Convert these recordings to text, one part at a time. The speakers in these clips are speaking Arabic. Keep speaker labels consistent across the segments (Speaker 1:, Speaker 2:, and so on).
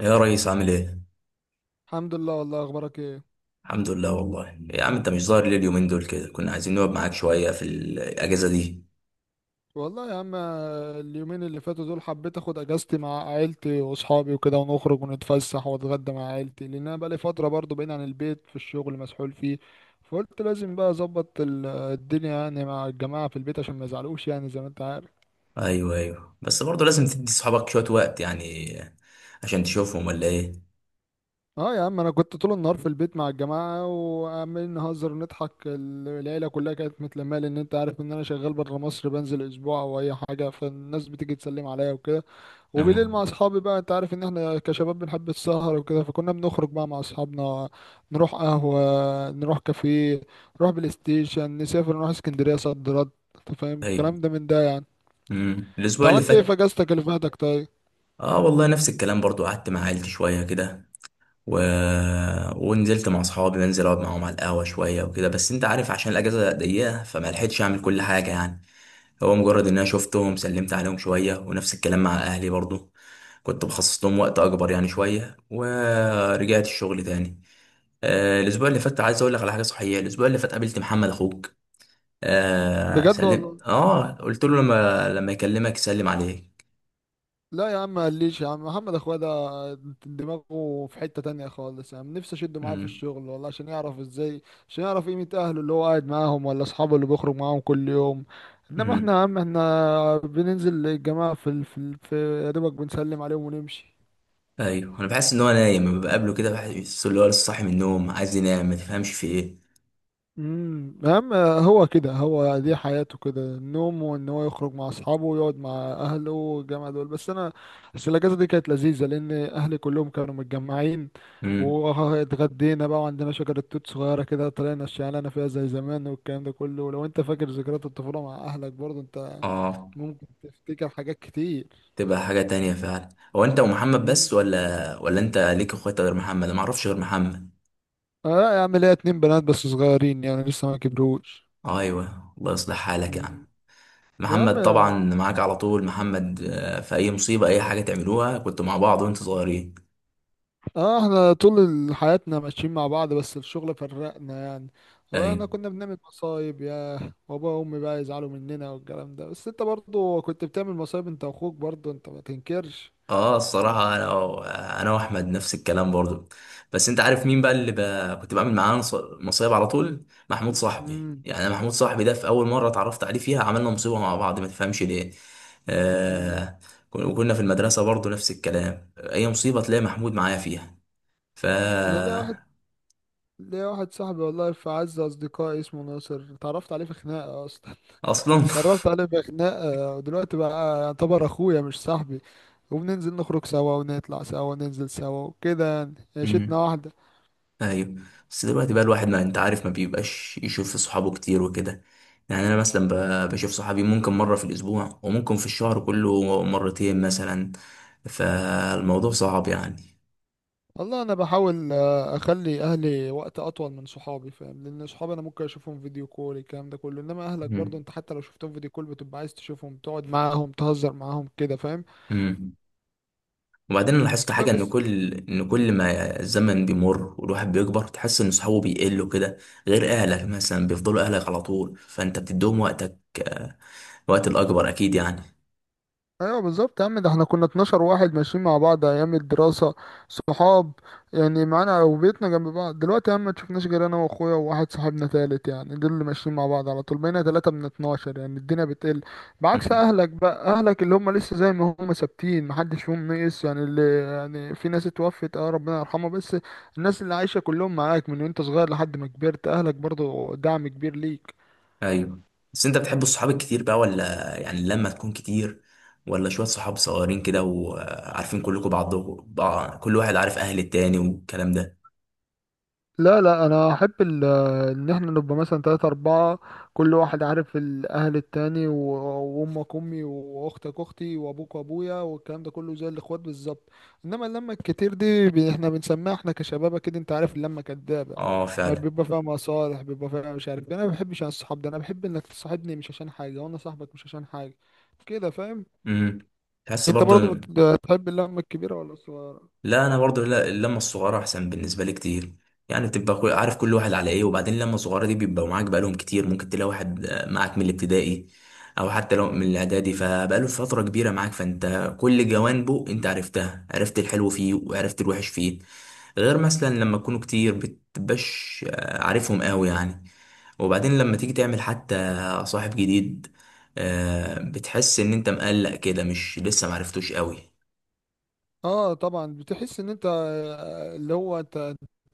Speaker 1: يا ريس عامل ايه؟
Speaker 2: الحمد لله والله، اخبارك ايه؟
Speaker 1: الحمد لله والله يا عم، انت مش ظاهر ليه اليومين دول كده؟ كنا عايزين نقعد معاك شوية في الأجازة دي.
Speaker 2: والله يا عم اليومين اللي فاتوا دول حبيت اخد اجازتي مع عيلتي واصحابي وكده ونخرج ونتفسح واتغدى مع عيلتي، لان انا بقالي فتره برضو بعيد عن البيت في الشغل مسحول فيه. فقلت لازم بقى اظبط الدنيا يعني مع الجماعه في البيت عشان ما يزعلوش يعني زي ما انت عارف.
Speaker 1: ايوه ايوه، بس برضه لازم تدي صحابك شوية وقت يعني. عشان تشوفهم ولا ايه؟
Speaker 2: اه يا عم انا كنت طول النهار في البيت مع الجماعه وعمالين نهزر ونضحك، العيله كلها كانت متلمه لان انت عارف ان انا شغال بره مصر بنزل اسبوع او اي حاجه، فالناس بتيجي تسلم عليا وكده. وبالليل
Speaker 1: اه.
Speaker 2: مع اصحابي بقى، انت عارف ان احنا كشباب بنحب السهر وكده، فكنا بنخرج بقى مع اصحابنا. نروح قهوة، نروح كافيه، نروح بلاي ستيشن، نسافر نروح اسكندرية صد رد. انت فاهم
Speaker 1: ايوه.
Speaker 2: الكلام ده من ده يعني. انت
Speaker 1: الأسبوع اللي
Speaker 2: عملت ايه في
Speaker 1: فات،
Speaker 2: اجازتك اللي فاتك طيب؟
Speaker 1: اه والله نفس الكلام برضه، قعدت مع عيلتي شوية كده و... ونزلت مع اصحابي، بنزل اقعد معاهم على القهوة شوية وكده، بس انت عارف عشان الأجازة ضيقة فما لحقتش اعمل كل حاجة يعني. هو مجرد ان انا شفتهم سلمت عليهم شويه، ونفس الكلام مع اهلي برضو. كنت بخصص لهم وقت اكبر يعني شويه، ورجعت الشغل تاني. الاسبوع اللي فات عايز اقول لك على حاجه صحيه، الاسبوع اللي فات قابلت محمد اخوك. آه
Speaker 2: بجد
Speaker 1: سلمت،
Speaker 2: والله؟
Speaker 1: اه قلت له لما يكلمك يسلم عليك.
Speaker 2: لا يا عم مقليش، يا عم محمد اخويا ده دماغه في حتة تانية خالص، يا عم نفسي اشده معايا في
Speaker 1: امم.
Speaker 2: الشغل والله عشان يعرف ازاي، عشان يعرف قيمة اهله اللي هو قاعد معاهم ولا اصحابه اللي بيخرج معاهم كل يوم. انما احنا
Speaker 1: امم.
Speaker 2: يا عم احنا بننزل الجماعة، في يا دوبك بنسلم عليهم ونمشي.
Speaker 1: ايوه، انا بحس ان هو نايم لما بقابله كده، بحس ان هو لسه صاحي من النوم عايز ينام، ما تفهمش في ايه.
Speaker 2: امم. اهم. هو كده، هو دي حياته كده، النوم وان هو يخرج مع اصحابه ويقعد مع اهله والجامعه دول. بس الاجازه دي كانت لذيذه لان اهلي كلهم كانوا متجمعين.
Speaker 1: امم.
Speaker 2: واتغدينا بقى، وعندنا شجره توت صغيره كده طلعنا الشعلانه فيها زي زمان والكلام ده كله. ولو انت فاكر ذكريات الطفوله مع اهلك برضه انت
Speaker 1: اه،
Speaker 2: ممكن تفتكر حاجات كتير.
Speaker 1: تبقى حاجة تانية فعلا. هو انت ومحمد
Speaker 2: امم.
Speaker 1: بس ولا انت ليك اخوات غير محمد؟ انا معرفش غير محمد.
Speaker 2: اه يا عم ليا اتنين بنات بس صغيرين يعني لسه ما كبروش.
Speaker 1: ايوه الله يصلح حالك يا
Speaker 2: مم.
Speaker 1: عم.
Speaker 2: يا عم
Speaker 1: محمد طبعا معاك على طول محمد، في اي مصيبة اي حاجة تعملوها كنتوا مع بعض وانتوا صغيرين.
Speaker 2: اه احنا طول حياتنا ماشيين مع بعض، بس الشغل فرقنا يعني. هو احنا
Speaker 1: ايوه.
Speaker 2: كنا بنعمل مصايب، يا بابا وامي بقى يزعلوا مننا والكلام ده، بس انت برضو كنت بتعمل مصايب انت واخوك، برضو انت ما تنكرش.
Speaker 1: اه، الصراحة انا واحمد نفس الكلام برضو. بس انت عارف مين بقى اللي كنت بعمل معاه مصايب على طول، محمود صاحبي.
Speaker 2: امم.
Speaker 1: يعني أنا محمود صاحبي ده في اول مرة اتعرفت عليه فيها عملنا مصيبة مع بعض، ما تفهمش ليه.
Speaker 2: امم.
Speaker 1: آه... وكنا في المدرسة برضو نفس الكلام، اي مصيبة تلاقي محمود معايا فيها. ف
Speaker 2: انا ليا واحد صاحبي والله في اعز اصدقائي اسمه ناصر، اتعرفت عليه في خناقه اصلا.
Speaker 1: اصلا.
Speaker 2: اتعرفت عليه في خناقه ودلوقتي بقى يعتبر اخويا مش صاحبي، وبننزل نخرج سوا ونطلع سوا وننزل سوا وكده يعني عيشتنا
Speaker 1: مم.
Speaker 2: واحده.
Speaker 1: ايوه. بس دلوقتي بقى الواحد، ما انت عارف، ما بيبقاش يشوف صحابه كتير وكده. يعني انا مثلا بشوف صحابي ممكن مره في الاسبوع، وممكن في الشهر كله مرتين مثلا. فالموضوع صعب يعني.
Speaker 2: والله انا بحاول اخلي اهلي وقت اطول من صحابي، فاهم، لان صحابي انا ممكن اشوفهم فيديو كول الكلام ده كله، انما اهلك برضو
Speaker 1: مم.
Speaker 2: انت حتى لو شفتهم فيديو كول بتبقى عايز تشوفهم، تقعد معاهم، تهزر معاهم كده، فاهم.
Speaker 1: مم. وبعدين انا لاحظت
Speaker 2: كفايه
Speaker 1: حاجه، ان
Speaker 2: بس.
Speaker 1: كل ما الزمن بيمر والواحد بيكبر، تحس ان صحابه بيقلوا كده. غير اهلك مثلا بيفضلوا اهلك على طول، فانت بتديهم وقتك، آه، وقت الاكبر اكيد يعني.
Speaker 2: ايوه بالظبط يا عم، ده احنا كنا 12 واحد ماشيين مع بعض ايام الدراسه، صحاب يعني، معانا وبيتنا جنب بعض. دلوقتي يا عم ما تشوفناش غير انا واخويا وواحد صاحبنا تالت يعني، دول اللي ماشيين مع بعض على طول، بقينا تلاتة من 12 يعني الدنيا بتقل. بعكس اهلك بقى، اهلك اللي هم لسه زي ما هم ثابتين، محدش فيهم نقص يعني، اللي يعني في ناس اتوفت، اه ربنا يرحمها، بس الناس اللي عايشه كلهم معاك من وانت صغير لحد ما كبرت، اهلك برضو دعم كبير ليك.
Speaker 1: ايوه، بس انت بتحب الصحاب الكتير بقى ولا؟ يعني لما تكون كتير، ولا شوية صحاب صغيرين كده وعارفين كلكم بعضكم كل واحد عارف اهل التاني والكلام ده.
Speaker 2: لا، لا انا احب ان احنا نبقى مثلا تلاتة اربعة، كل واحد عارف الاهل التاني وامك امي واختك اختي وابوك وابويا والكلام ده كله، زي الاخوات بالظبط. انما اللمة الكتير دي، احنا بنسميها احنا كشباب كده، انت عارف اللمة كدابة،
Speaker 1: اه
Speaker 2: ما
Speaker 1: فعلا.
Speaker 2: بيبقى فيها مصالح، بيبقى فيها مش عارف إيه. انا ما بحبش انا الصحاب ده، انا بحب انك تصاحبني مش عشان حاجة، وانا صاحبك مش عشان حاجة، كده فاهم.
Speaker 1: امم. تحس
Speaker 2: انت برضو
Speaker 1: برضه.
Speaker 2: بتحب اللمة الكبيرة ولا الصغيرة؟
Speaker 1: لا، انا برضو لا، اللمه الصغيره احسن بالنسبه لي كتير. يعني بتبقى عارف كل واحد على ايه، وبعدين اللمه الصغيره دي بيبقوا معاك بقالهم كتير، ممكن تلاقي واحد معاك من الابتدائي او حتى لو من الاعدادي، فبقاله فتره كبيره معاك فانت كل جوانبه انت عرفتها، عرفت الحلو فيه وعرفت الوحش فيه. غير مثلا لما تكونوا كتير بتبقاش عارفهم قوي يعني. وبعدين لما تيجي تعمل حتى صاحب جديد، بتحس ان انت مقلق كده، مش لسه معرفتوش قوي.
Speaker 2: اه طبعا، بتحس ان انت اللي هو انت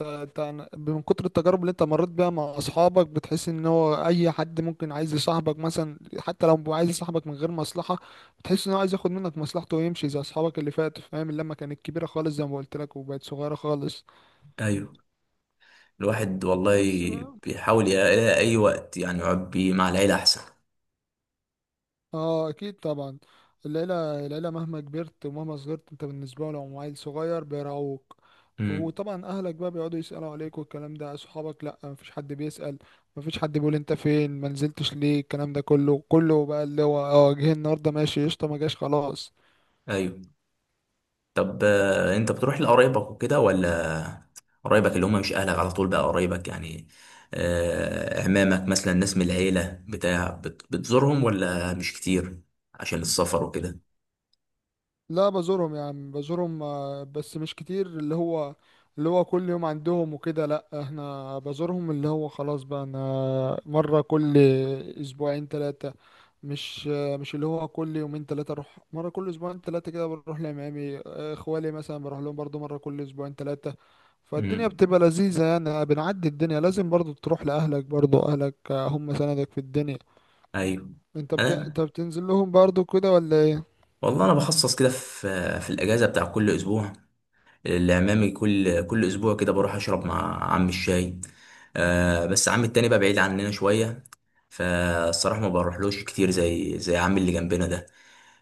Speaker 2: انت انت من كتر التجارب اللي انت مريت بيها مع اصحابك، بتحس ان هو اي حد ممكن عايز يصاحبك مثلا، حتى لو هو عايز يصاحبك من غير مصلحة، بتحس ان هو عايز ياخد منك مصلحته ويمشي زي اصحابك اللي فاتوا، فاهم. اللمة كانت كبيرة خالص زي ما قلت لك وبقت صغيرة خالص.
Speaker 1: ايوه. الواحد والله
Speaker 2: بس بقى.
Speaker 1: بيحاول يلاقي أي وقت يعني يقعد بيه مع العيلة أحسن.
Speaker 2: اه اكيد طبعا. العيله، العيله مهما كبرت ومهما صغرت انت بالنسبه لهم عيل صغير بيراعوك.
Speaker 1: امم.
Speaker 2: وطبعا اهلك بقى بيقعدوا يسالوا عليك والكلام ده، اصحابك لا مفيش حد بيسال، مفيش حد بيقول انت فين، ما نزلتش ليه، الكلام ده كله، كله بقى اللي هو اه جه النهارده ماشي قشطه، ما جاش خلاص.
Speaker 1: أيوه. طب أنت بتروح لقرايبك وكده ولا؟ قرايبك اللي هم مش أهلك على طول بقى، قرايبك يعني، عمامك مثلا، ناس من العيلة بتاع بتزورهم ولا مش كتير؟ عشان السفر وكده.
Speaker 2: لا بزورهم يا عم بزورهم، بس مش كتير، اللي هو اللي هو كل يوم عندهم وكده لا، احنا بزورهم اللي هو خلاص بقى انا مرة كل اسبوعين ثلاثة، مش مش اللي هو كل يومين ثلاثة، اروح مرة كل اسبوعين ثلاثة كده، بروح لعمامي، اخوالي مثلا بروح لهم برضو مرة كل اسبوعين ثلاثة. فالدنيا
Speaker 1: امم.
Speaker 2: بتبقى لذيذة يعني بنعدي الدنيا، لازم برضو تروح لأهلك، برضو أهلك هم سندك في الدنيا.
Speaker 1: أيوه. أنا
Speaker 2: انت بتنزل لهم برضو كده ولا ايه؟
Speaker 1: والله، أنا بخصص كده في في الأجازة بتاع كل أسبوع لعمامي، كل اسبوع كده بروح اشرب مع عم الشاي. بس عم التاني بقى بعيد عننا شويه، فالصراحه ما بروحلوش كتير زي عمي اللي جنبنا ده.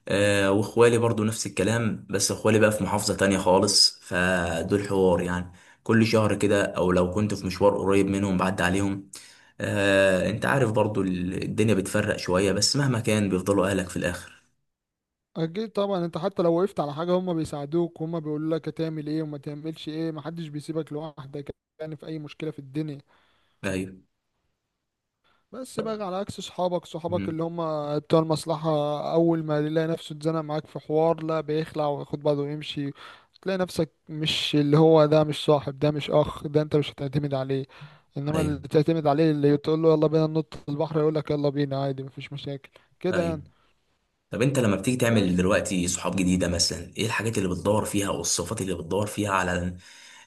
Speaker 1: واخوالي برضو نفس الكلام، بس اخوالي بقى في محافظه تانية خالص، فدول حوار يعني كل شهر كده، او لو كنت في مشوار قريب منهم بعد عليهم. انت عارف برضو الدنيا بتفرق شويه، بس مهما كان بيفضلوا اهلك في الاخر.
Speaker 2: اكيد طبعا، انت حتى لو وقفت على حاجه هم بيساعدوك، وهم بيقولوا لك هتعمل ايه وما تعملش ايه، محدش بيسيبك لوحدك يعني في اي مشكله في الدنيا.
Speaker 1: ايوه.
Speaker 2: بس بقى على عكس صحابك، صحابك
Speaker 1: مم.
Speaker 2: اللي هم بتوع المصلحه اول ما يلاقي نفسه اتزنق معاك في حوار لا بيخلع وياخد بعضه ويمشي، تلاقي نفسك مش اللي هو، ده مش صاحب، ده مش اخ، ده انت مش هتعتمد عليه. انما اللي
Speaker 1: ايوه.
Speaker 2: تعتمد عليه اللي تقول له يلا بينا ننط البحر يقول لك يلا بينا عادي مفيش مشاكل، كده
Speaker 1: ايوه.
Speaker 2: يعني.
Speaker 1: طب انت لما بتيجي تعمل
Speaker 2: بس
Speaker 1: دلوقتي صحاب جديده مثلا، ايه الحاجات اللي بتدور فيها او الصفات اللي بتدور فيها على،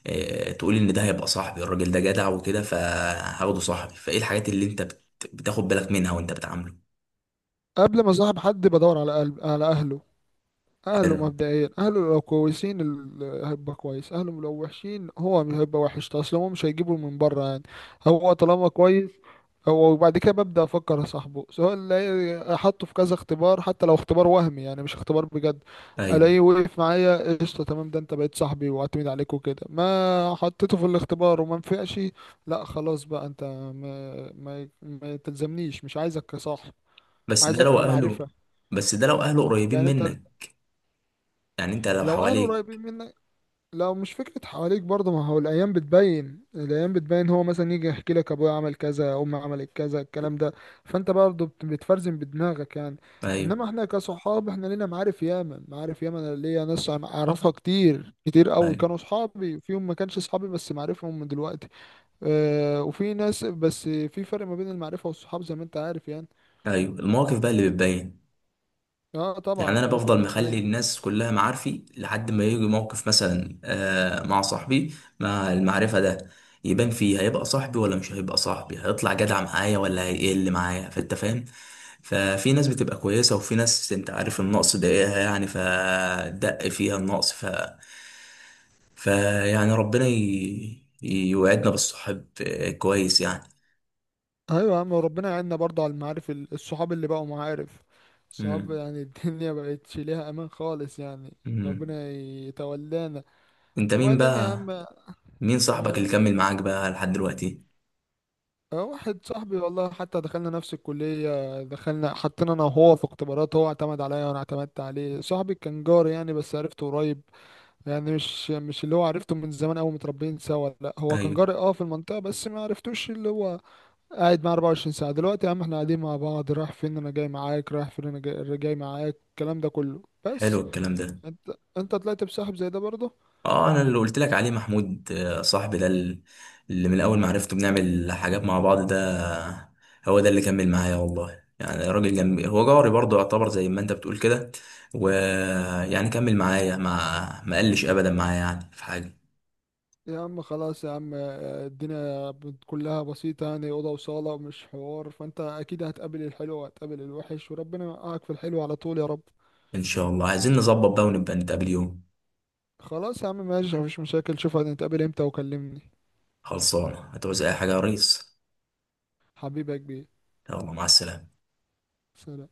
Speaker 1: اه تقول ان ده هيبقى صاحبي، الراجل ده جدع وكده فهاخده صاحبي، فايه الحاجات اللي بتاخد بالك منها وانت بتعامله.
Speaker 2: قبل ما صاحب حد بدور على قلب، على اهله، اهله
Speaker 1: حلو.
Speaker 2: مبدئيا، اهله لو كويسين هيبقى كويس، اهله لو وحشين هو مش هيبقى وحش اصلا، هو مش هيجيبه من بره يعني. هو طالما كويس هو، وبعد كده ببدأ افكر صاحبه، سواء الاقي، حطه في كذا اختبار حتى لو اختبار وهمي يعني مش اختبار بجد.
Speaker 1: ايوه.
Speaker 2: الاقيه وقف معايا قشطه تمام، ده انت بقيت صاحبي واعتمد عليك وكده. ما حطيته في الاختبار وما نفعش، لا خلاص بقى انت ما تلزمنيش، مش عايزك كصاحب،
Speaker 1: بس ده
Speaker 2: عايزك
Speaker 1: لو اهله
Speaker 2: كمعرفة.
Speaker 1: بس ده لو اهله قريبين
Speaker 2: يعني انت
Speaker 1: منك، يعني انت لو
Speaker 2: لو اهله
Speaker 1: حواليك.
Speaker 2: قريبين منك، لو مش فكرة حواليك برضه، ما هو الأيام بتبين، الأيام بتبين، هو مثلا يجي يحكي لك أبويا عمل كذا، أمي عملت كذا، الكلام ده، فأنت برضه بتفرزن بدماغك يعني.
Speaker 1: ايوه
Speaker 2: إنما إحنا كصحاب، إحنا لينا معارف ياما، معارف ياما، أنا ليا ناس أعرفها كتير كتير أوي،
Speaker 1: ايوه
Speaker 2: كانوا صحابي فيهم، ما كانش صحابي بس معرفهم من دلوقتي. آه وفي ناس، بس في فرق ما بين المعرفة والصحاب زي ما أنت عارف يعني.
Speaker 1: ايوه، المواقف بقى اللي بتبين.
Speaker 2: آه طبعا
Speaker 1: يعني انا
Speaker 2: المواقف
Speaker 1: بفضل مخلي
Speaker 2: بتبين.
Speaker 1: الناس كلها معارفي لحد ما يجي موقف، مثلا مع صاحبي، مع المعرفة ده، يبان فيه، هيبقى صاحبي ولا مش هيبقى صاحبي، هيطلع جدع معايا ولا هيقل معايا، فانت فاهم. ففي ناس بتبقى كويسة، وفي ناس انت عارف النقص ضايقها يعني فدق فيها النقص. فيعني ربنا يوعدنا بالصحاب كويس يعني.
Speaker 2: ايوه يا عم، وربنا يعيننا برضه على المعارف، الصحاب اللي بقوا معارف صحاب
Speaker 1: مم.
Speaker 2: يعني. الدنيا مبقتش ليها امان خالص يعني.
Speaker 1: مم.
Speaker 2: ربنا يتولانا.
Speaker 1: انت مين
Speaker 2: وبعدين يا
Speaker 1: بقى
Speaker 2: عم.
Speaker 1: مين صاحبك
Speaker 2: مم.
Speaker 1: اللي كمل معاك بقى لحد دلوقتي؟
Speaker 2: واحد صاحبي والله، حتى دخلنا نفس الكلية، دخلنا حطينا انا وهو في اختبارات، هو اعتمد عليا وانا اعتمدت عليه. صاحبي كان جاري يعني، بس عرفته قريب يعني، مش مش اللي هو عرفته من زمان قوي متربيين سوا لا، هو كان
Speaker 1: ايوه،
Speaker 2: جاري اه في المنطقة بس ما عرفتوش، اللي هو قاعد معاه 24 ساعة. دلوقتي يا عم احنا قاعدين مع بعض، رايح فين انا جاي معاك، رايح فين انا جاي معاك، الكلام ده كله.
Speaker 1: حلو
Speaker 2: بس
Speaker 1: الكلام ده.
Speaker 2: انت، انت طلعت بسحب زي ده برضه.
Speaker 1: اه، انا اللي قلت لك عليه محمود، صاحبي ده اللي من اول ما عرفته بنعمل حاجات مع بعض ده، هو ده اللي كمل معايا والله. يعني راجل جنبي، هو جاري برضه، يعتبر زي ما انت بتقول كده، ويعني كمل معايا، ما قلش ابدا معايا يعني في حاجه.
Speaker 2: يا عم خلاص يا عم الدنيا كلها بسيطة يعني، أوضة وصالة مش حوار، فانت أكيد هتقابل الحلو وهتقابل الوحش، وربنا يوقعك في الحلو على طول يا رب.
Speaker 1: ان شاء الله عايزين نظبط بقى ونبقى نتقابل يوم.
Speaker 2: خلاص يا عم ماشي مفيش مشاكل، شوف هنتقابل امتى وكلمني.
Speaker 1: خلصانه، هتعوز اي حاجه يا ريس؟
Speaker 2: حبيبي يا كبير.
Speaker 1: يلا مع السلامه.
Speaker 2: سلام.